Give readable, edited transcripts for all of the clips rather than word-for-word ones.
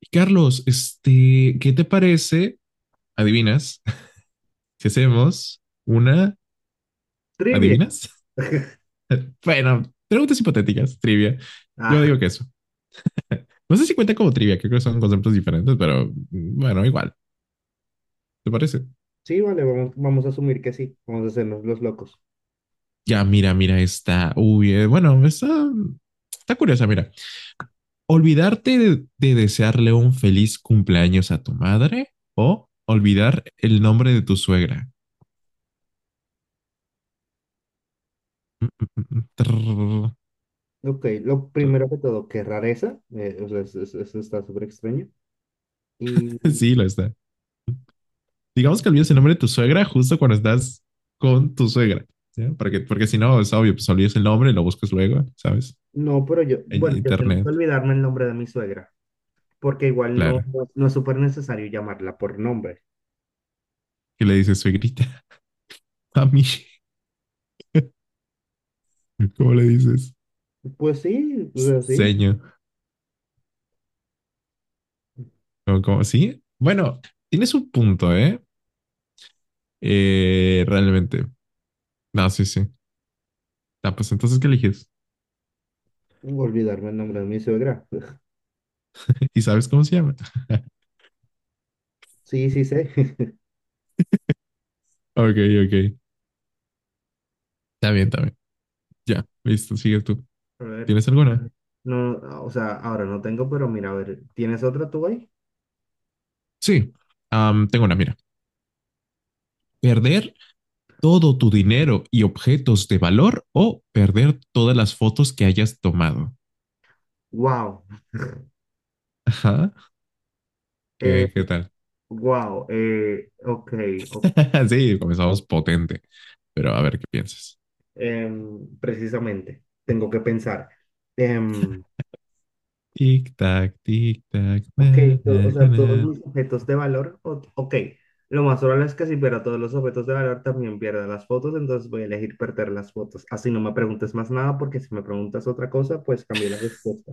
Y Carlos, ¿qué te parece? ¿Adivinas? Si hacemos una, Trivia. ¿adivinas? Bueno, preguntas hipotéticas, trivia. Yo Ah, digo que eso. No sé si cuenta como trivia, creo que son conceptos diferentes, pero mm, bueno, igual, ¿te parece? sí, vale, vamos, vamos a asumir que sí. Vamos a hacernos los locos. Ya, mira esta. Está, está curiosa, mira. Olvidarte de desearle un feliz cumpleaños a tu madre o olvidar el nombre de tu suegra. Mm, mm, mm, trrr, Ok, lo trrr. primero que todo, qué rareza. O sea, eso está súper extraño. Y Sí, lo está. Digamos que olvides el nombre de tu suegra justo cuando estás con tu suegra, ¿sí? Porque si no, es obvio, pues olvides el nombre, y lo buscas luego, ¿sabes? no, pero yo, En bueno, yo siento que internet, olvidarme el nombre de mi suegra, porque igual claro. No es súper necesario llamarla por nombre. ¿Qué le dices, suegrita? A mí. ¿Cómo le dices? Pues sí, o sea, sí, Seño. ¿Cómo? ¿Sí? Bueno, tienes un punto, ¿eh? Realmente. No, sí, sí. Ah, pues entonces, ¿qué eliges? olvidarme el nombre de mi suegra. ¿Y sabes cómo se llama? Sí, sí sé. Ok, ok. Está bien, está bien. Ya, listo, sigue tú. A ver, ¿Tienes alguna? no, o sea, ahora no tengo, pero mira, a ver, ¿tienes otra tú ahí? Sí. Am, tengo una, mira. Perder todo tu dinero y objetos de valor o perder todas las fotos que hayas tomado. Wow, Ajá. eh, ¿Qué tal? wow, ok, ok. Sí, comenzamos potente. Pero a ver qué piensas. Precisamente, tengo que pensar. Em, Tic tac, na, ok, na, o na, sea, na. todos mis objetos de valor, ok. Lo más probable es que si pierdo todos los objetos de valor también pierda las fotos, entonces voy a elegir perder las fotos. Así no me preguntes más nada, porque si me preguntas otra cosa, pues cambio la respuesta.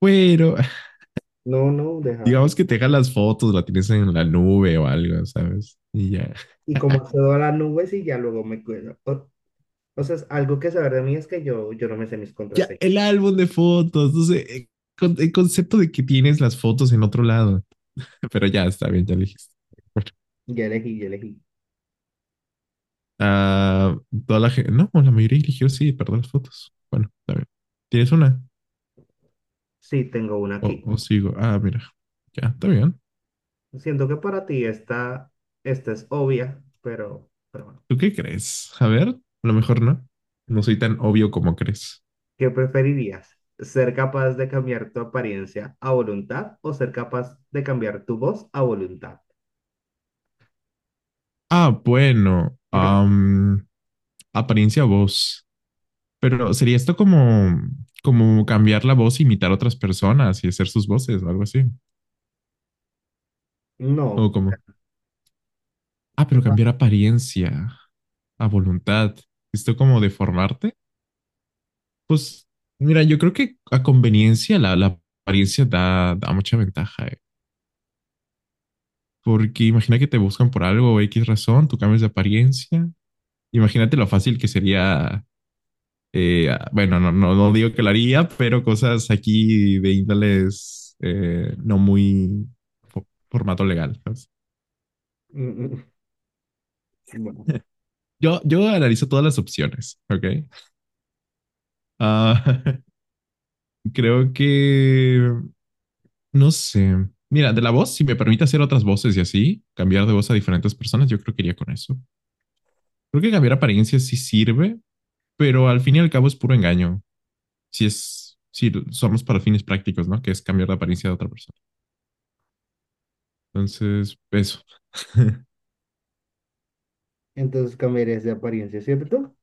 Bueno, No, no, deja. digamos que te dejan las fotos, la tienes en la nube o algo, ¿sabes? Y ya. Y como accedo a las nubes y ya luego me cuido. O sea, es algo que saber de mí es que yo no me sé mis Ya, contraseñas. el álbum de fotos. No sé, el concepto de que tienes las fotos en otro lado. Pero ya está bien, ya lo dijiste. Ya elegí, ya elegí. Ah, toda la gente, no, la mayoría eligió sí, perder las fotos. Bueno, está bien. ¿Tienes una? Sí, tengo una aquí. O sigo. Ah, mira. Ya, está bien. Siento que para ti esta es obvia, pero bueno. ¿Tú qué crees? A ver, a lo mejor no. No soy tan obvio como crees. ¿Qué preferirías? ¿Ser capaz de cambiar tu apariencia a voluntad o ser capaz de cambiar tu voz a voluntad? Ah, bueno. Am, apariencia voz. Pero sería esto como, como cambiar la voz, e imitar a otras personas y hacer sus voces o algo así. O No, como, ah, o pero sea, cambiar apariencia a voluntad. ¿Esto como deformarte? Pues mira, yo creo que a conveniencia la apariencia da mucha ventaja, eh. Porque imagina que te buscan por algo o X razón, tú cambias de apariencia. Imagínate lo fácil que sería, ah, bueno, no digo que lo haría, pero cosas aquí de índoles no muy formato legal, ¿sabes? mm, mm, bueno, Yo analizo todas las opciones, ¿ok? Ah, creo que no sé. Mira, de la voz, si me permite hacer otras voces y así, cambiar de voz a diferentes personas, yo creo que iría con eso. Creo que cambiar apariencia sí sirve, pero al fin y al cabo es puro engaño. Si es, si somos para fines prácticos, ¿no? Que es cambiar la apariencia de otra persona. Entonces, eso. entonces cambiarías de apariencia, ¿cierto?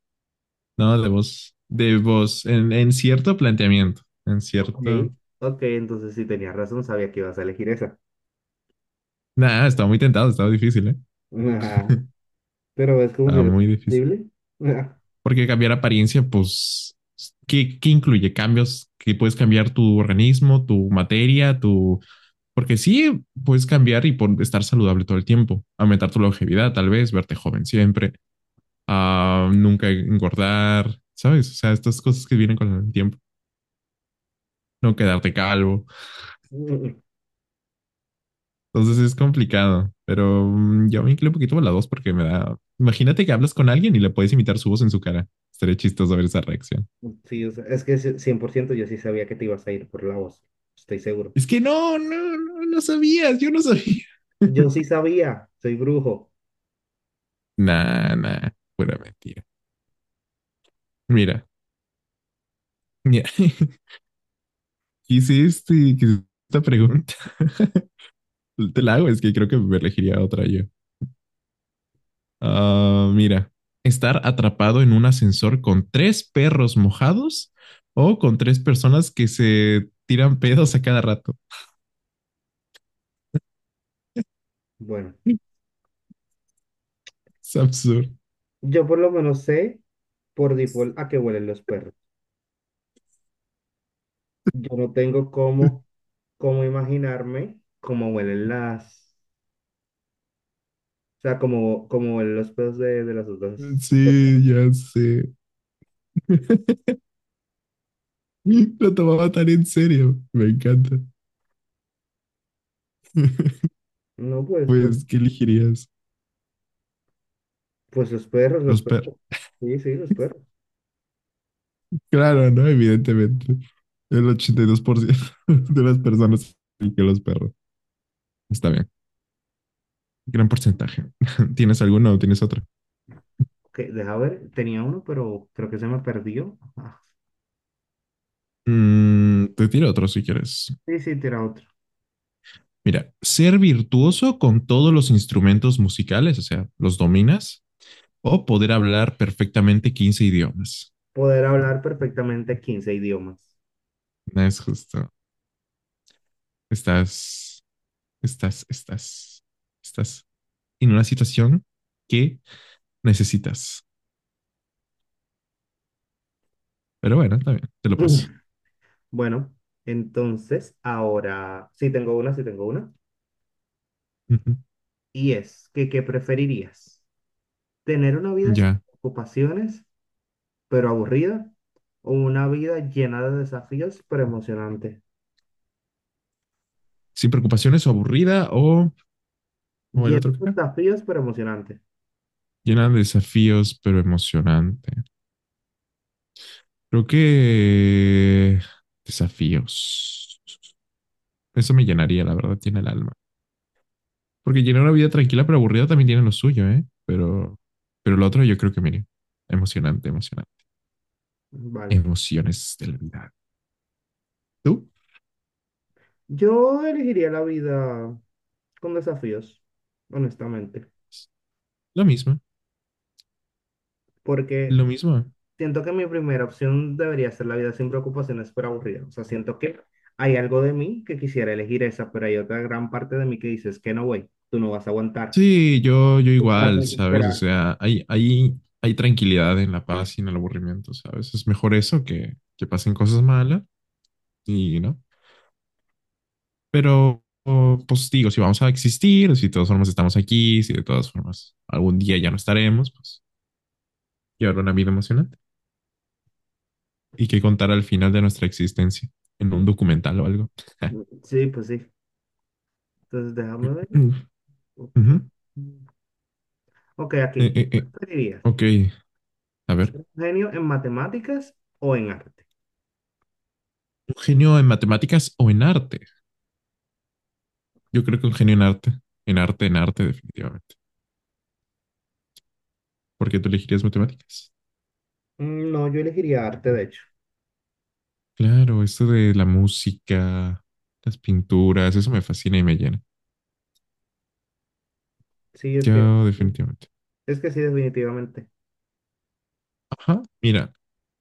No, de voz, en cierto planteamiento, en Ok, cierto. ok, entonces sí tenías razón, sabía que ibas a elegir esa. Nada, estaba muy tentado, estaba difícil, ¿eh? Ajá, pero es como si Estaba era muy difícil. posible. Ajá, Porque cambiar apariencia, pues, ¿qué incluye? Cambios que puedes cambiar tu organismo, tu materia, tu... Porque sí, puedes cambiar y por estar saludable todo el tiempo, aumentar tu longevidad, tal vez, verte joven siempre, a nunca engordar, ¿sabes? O sea, estas cosas que vienen con el tiempo, no quedarte calvo. mm, mm, Entonces es complicado, pero mm, yo me incluyo un poquito a la dos porque me da... Imagínate que hablas con alguien y le puedes imitar su voz en su cara. Estaría chistoso ver esa reacción. sí, o sea, es que sí, 100% yo sí sabía que te ibas a ir por la voz, estoy seguro. Es que no sabías, yo no sabía. Yo sí sabía, soy brujo. Nah, nah, pura mentira. Mira, mira, hice quise esta pregunta. Te la hago, es que creo que me elegiría otra yo. Ah, mira, estar atrapado en un ascensor con tres perros mojados o con tres personas que se tiran pedos a cada rato. Bueno, Es absurdo. yo por lo menos sé por default a qué huelen los perros. Yo no tengo cómo, cómo imaginarme cómo huelen las, o sea, cómo, cómo huelen los perros de las otras. Sí, ya sé. Lo tomaba tan en serio. Me encanta. No, Pues, ¿qué elegirías? pues los perros, los Los perros. perros. Sí, sí, los perros. Claro, ¿no? Evidentemente. El 82% de las personas que los perros. Está bien. Gran porcentaje. ¿Tienes alguno o tienes otro? Que, deja ver, tenía uno, pero creo que se me perdió. Ah, Mm, te tiro otro si quieres. sí, sí, tira otro. Mira, ser virtuoso con todos los instrumentos musicales, o sea, los dominas, o poder hablar perfectamente 15 idiomas. Poder hablar perfectamente 15 idiomas. No es justo. Estás, estás, estás, estás en una situación que necesitas. Pero bueno, está bien, te lo paso. Bueno, entonces, ahora, sí tengo una, sí tengo una. Ujú. Y es que, ¿qué preferirías? ¿Tener una vida sin Ya, ocupaciones, pero aburrida? ¿O una vida llena de desafíos, pero emocionante? sin preocupaciones o aburrida o el Llena otro que de era. desafíos, pero emocionante. Llena de desafíos, pero emocionante. Creo que desafíos. Eso me llenaría, la verdad, tiene el alma. Porque llenar una vida tranquila pero aburrida también tiene lo suyo, ¿eh? Pero lo otro yo creo que, mire, emocionante, emocionante. Vale. Emociones de la vida. ¿Tú? Yo elegiría la vida con desafíos, honestamente, Lo mismo, porque lo mismo. siento que mi primera opción debería ser la vida sin preocupaciones, pero aburrida. O sea, siento que hay algo de mí que quisiera elegir esa, pero hay otra gran parte de mí que dices que no, güey, tú no vas a aguantar, Sí, yo tú te vas a igual, ¿sabes? O desesperar. sea, hay tranquilidad en la paz y en el aburrimiento, ¿sabes? Es mejor eso que pasen cosas malas y, ¿no? Pero, o, pues digo, si vamos a existir, si de todas formas estamos aquí, si de todas formas algún día ya no estaremos, pues y habrá una vida emocionante y que contar al final de nuestra existencia en un documental o algo. Sí, pues sí. Entonces déjame ver. Mm. Ok, Ujú. ok, Eh, aquí. eh, ¿Qué eh, preferirías? Ok, a ¿Ser ver. un genio en matemáticas o en arte? ¿Un genio en matemáticas o en arte? Yo creo que un genio en arte, en arte, en arte, definitivamente. ¿Por qué tú elegirías matemáticas? Mm, no, yo elegiría arte, de hecho. Claro, esto de la música, las pinturas, eso me fascina y me llena. Sí, Yo definitivamente. es que sí, definitivamente. Ajá. Mira,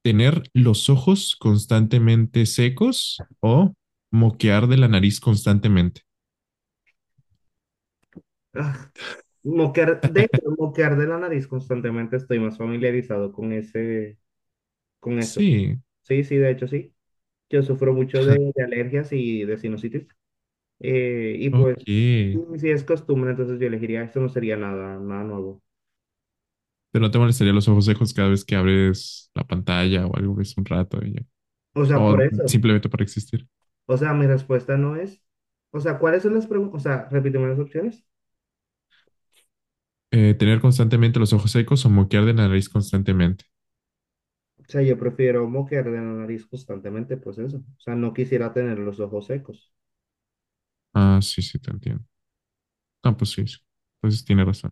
tener los ojos constantemente secos o moquear de la nariz constantemente. Ah, moquear, de hecho, moquear de la nariz constantemente estoy más familiarizado con ese, con eso. Sí. Sí, sí, de hecho, sí. Yo sufro mucho de alergias y de sinusitis. Y pues, Ok. Pero si es costumbre, entonces yo elegiría esto, no sería nada, nada nuevo. no te molestaría los ojos secos cada vez que abres la pantalla o algo, ves un rato y ya. O sea, por O eso. simplemente para existir. O sea, mi respuesta no es. O sea, ¿cuáles son las preguntas? O sea, repíteme las opciones. Tener constantemente los ojos secos o moquear de la nariz constantemente. O sea, yo prefiero moquear de la nariz constantemente, pues eso. O sea, no quisiera tener los ojos secos. Ah, sí, sí, te entiendo. Ah, pues sí, sí. Entonces tiene razón.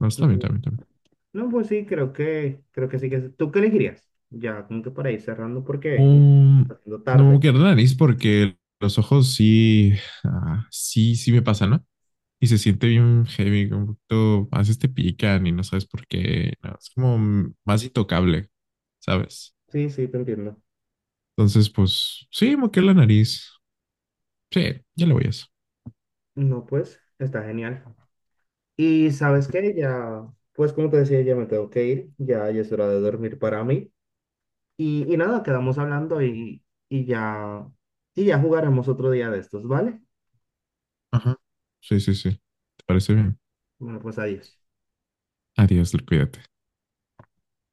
No, está bien, Mm. está bien, está bien. No, pues sí, creo que sí que. ¿Tú qué elegirías? Ya, como que para ir cerrando, porque ya está Um, haciendo no me tarde. quiero la nariz porque los ojos sí, ah, sí, sí me pasan, ¿no? Y se siente bien heavy, como un poquito, a veces te pican y no sabes por qué. No, es como más intocable, ¿sabes? Sí, sí, te entiendo. Entonces, pues sí, moqué la nariz. Sí, ya le voy a eso. No, pues, está genial. Y sabes qué, ya, pues como te decía, ya me tengo que ir. Ya, ya es hora de dormir para mí. Y nada, quedamos hablando y ya, y ya jugaremos otro día de estos, ¿vale? Ajá. Sí, sí, sí. ¿Te parece bien? Bueno, pues adiós. Adiós, cuídate.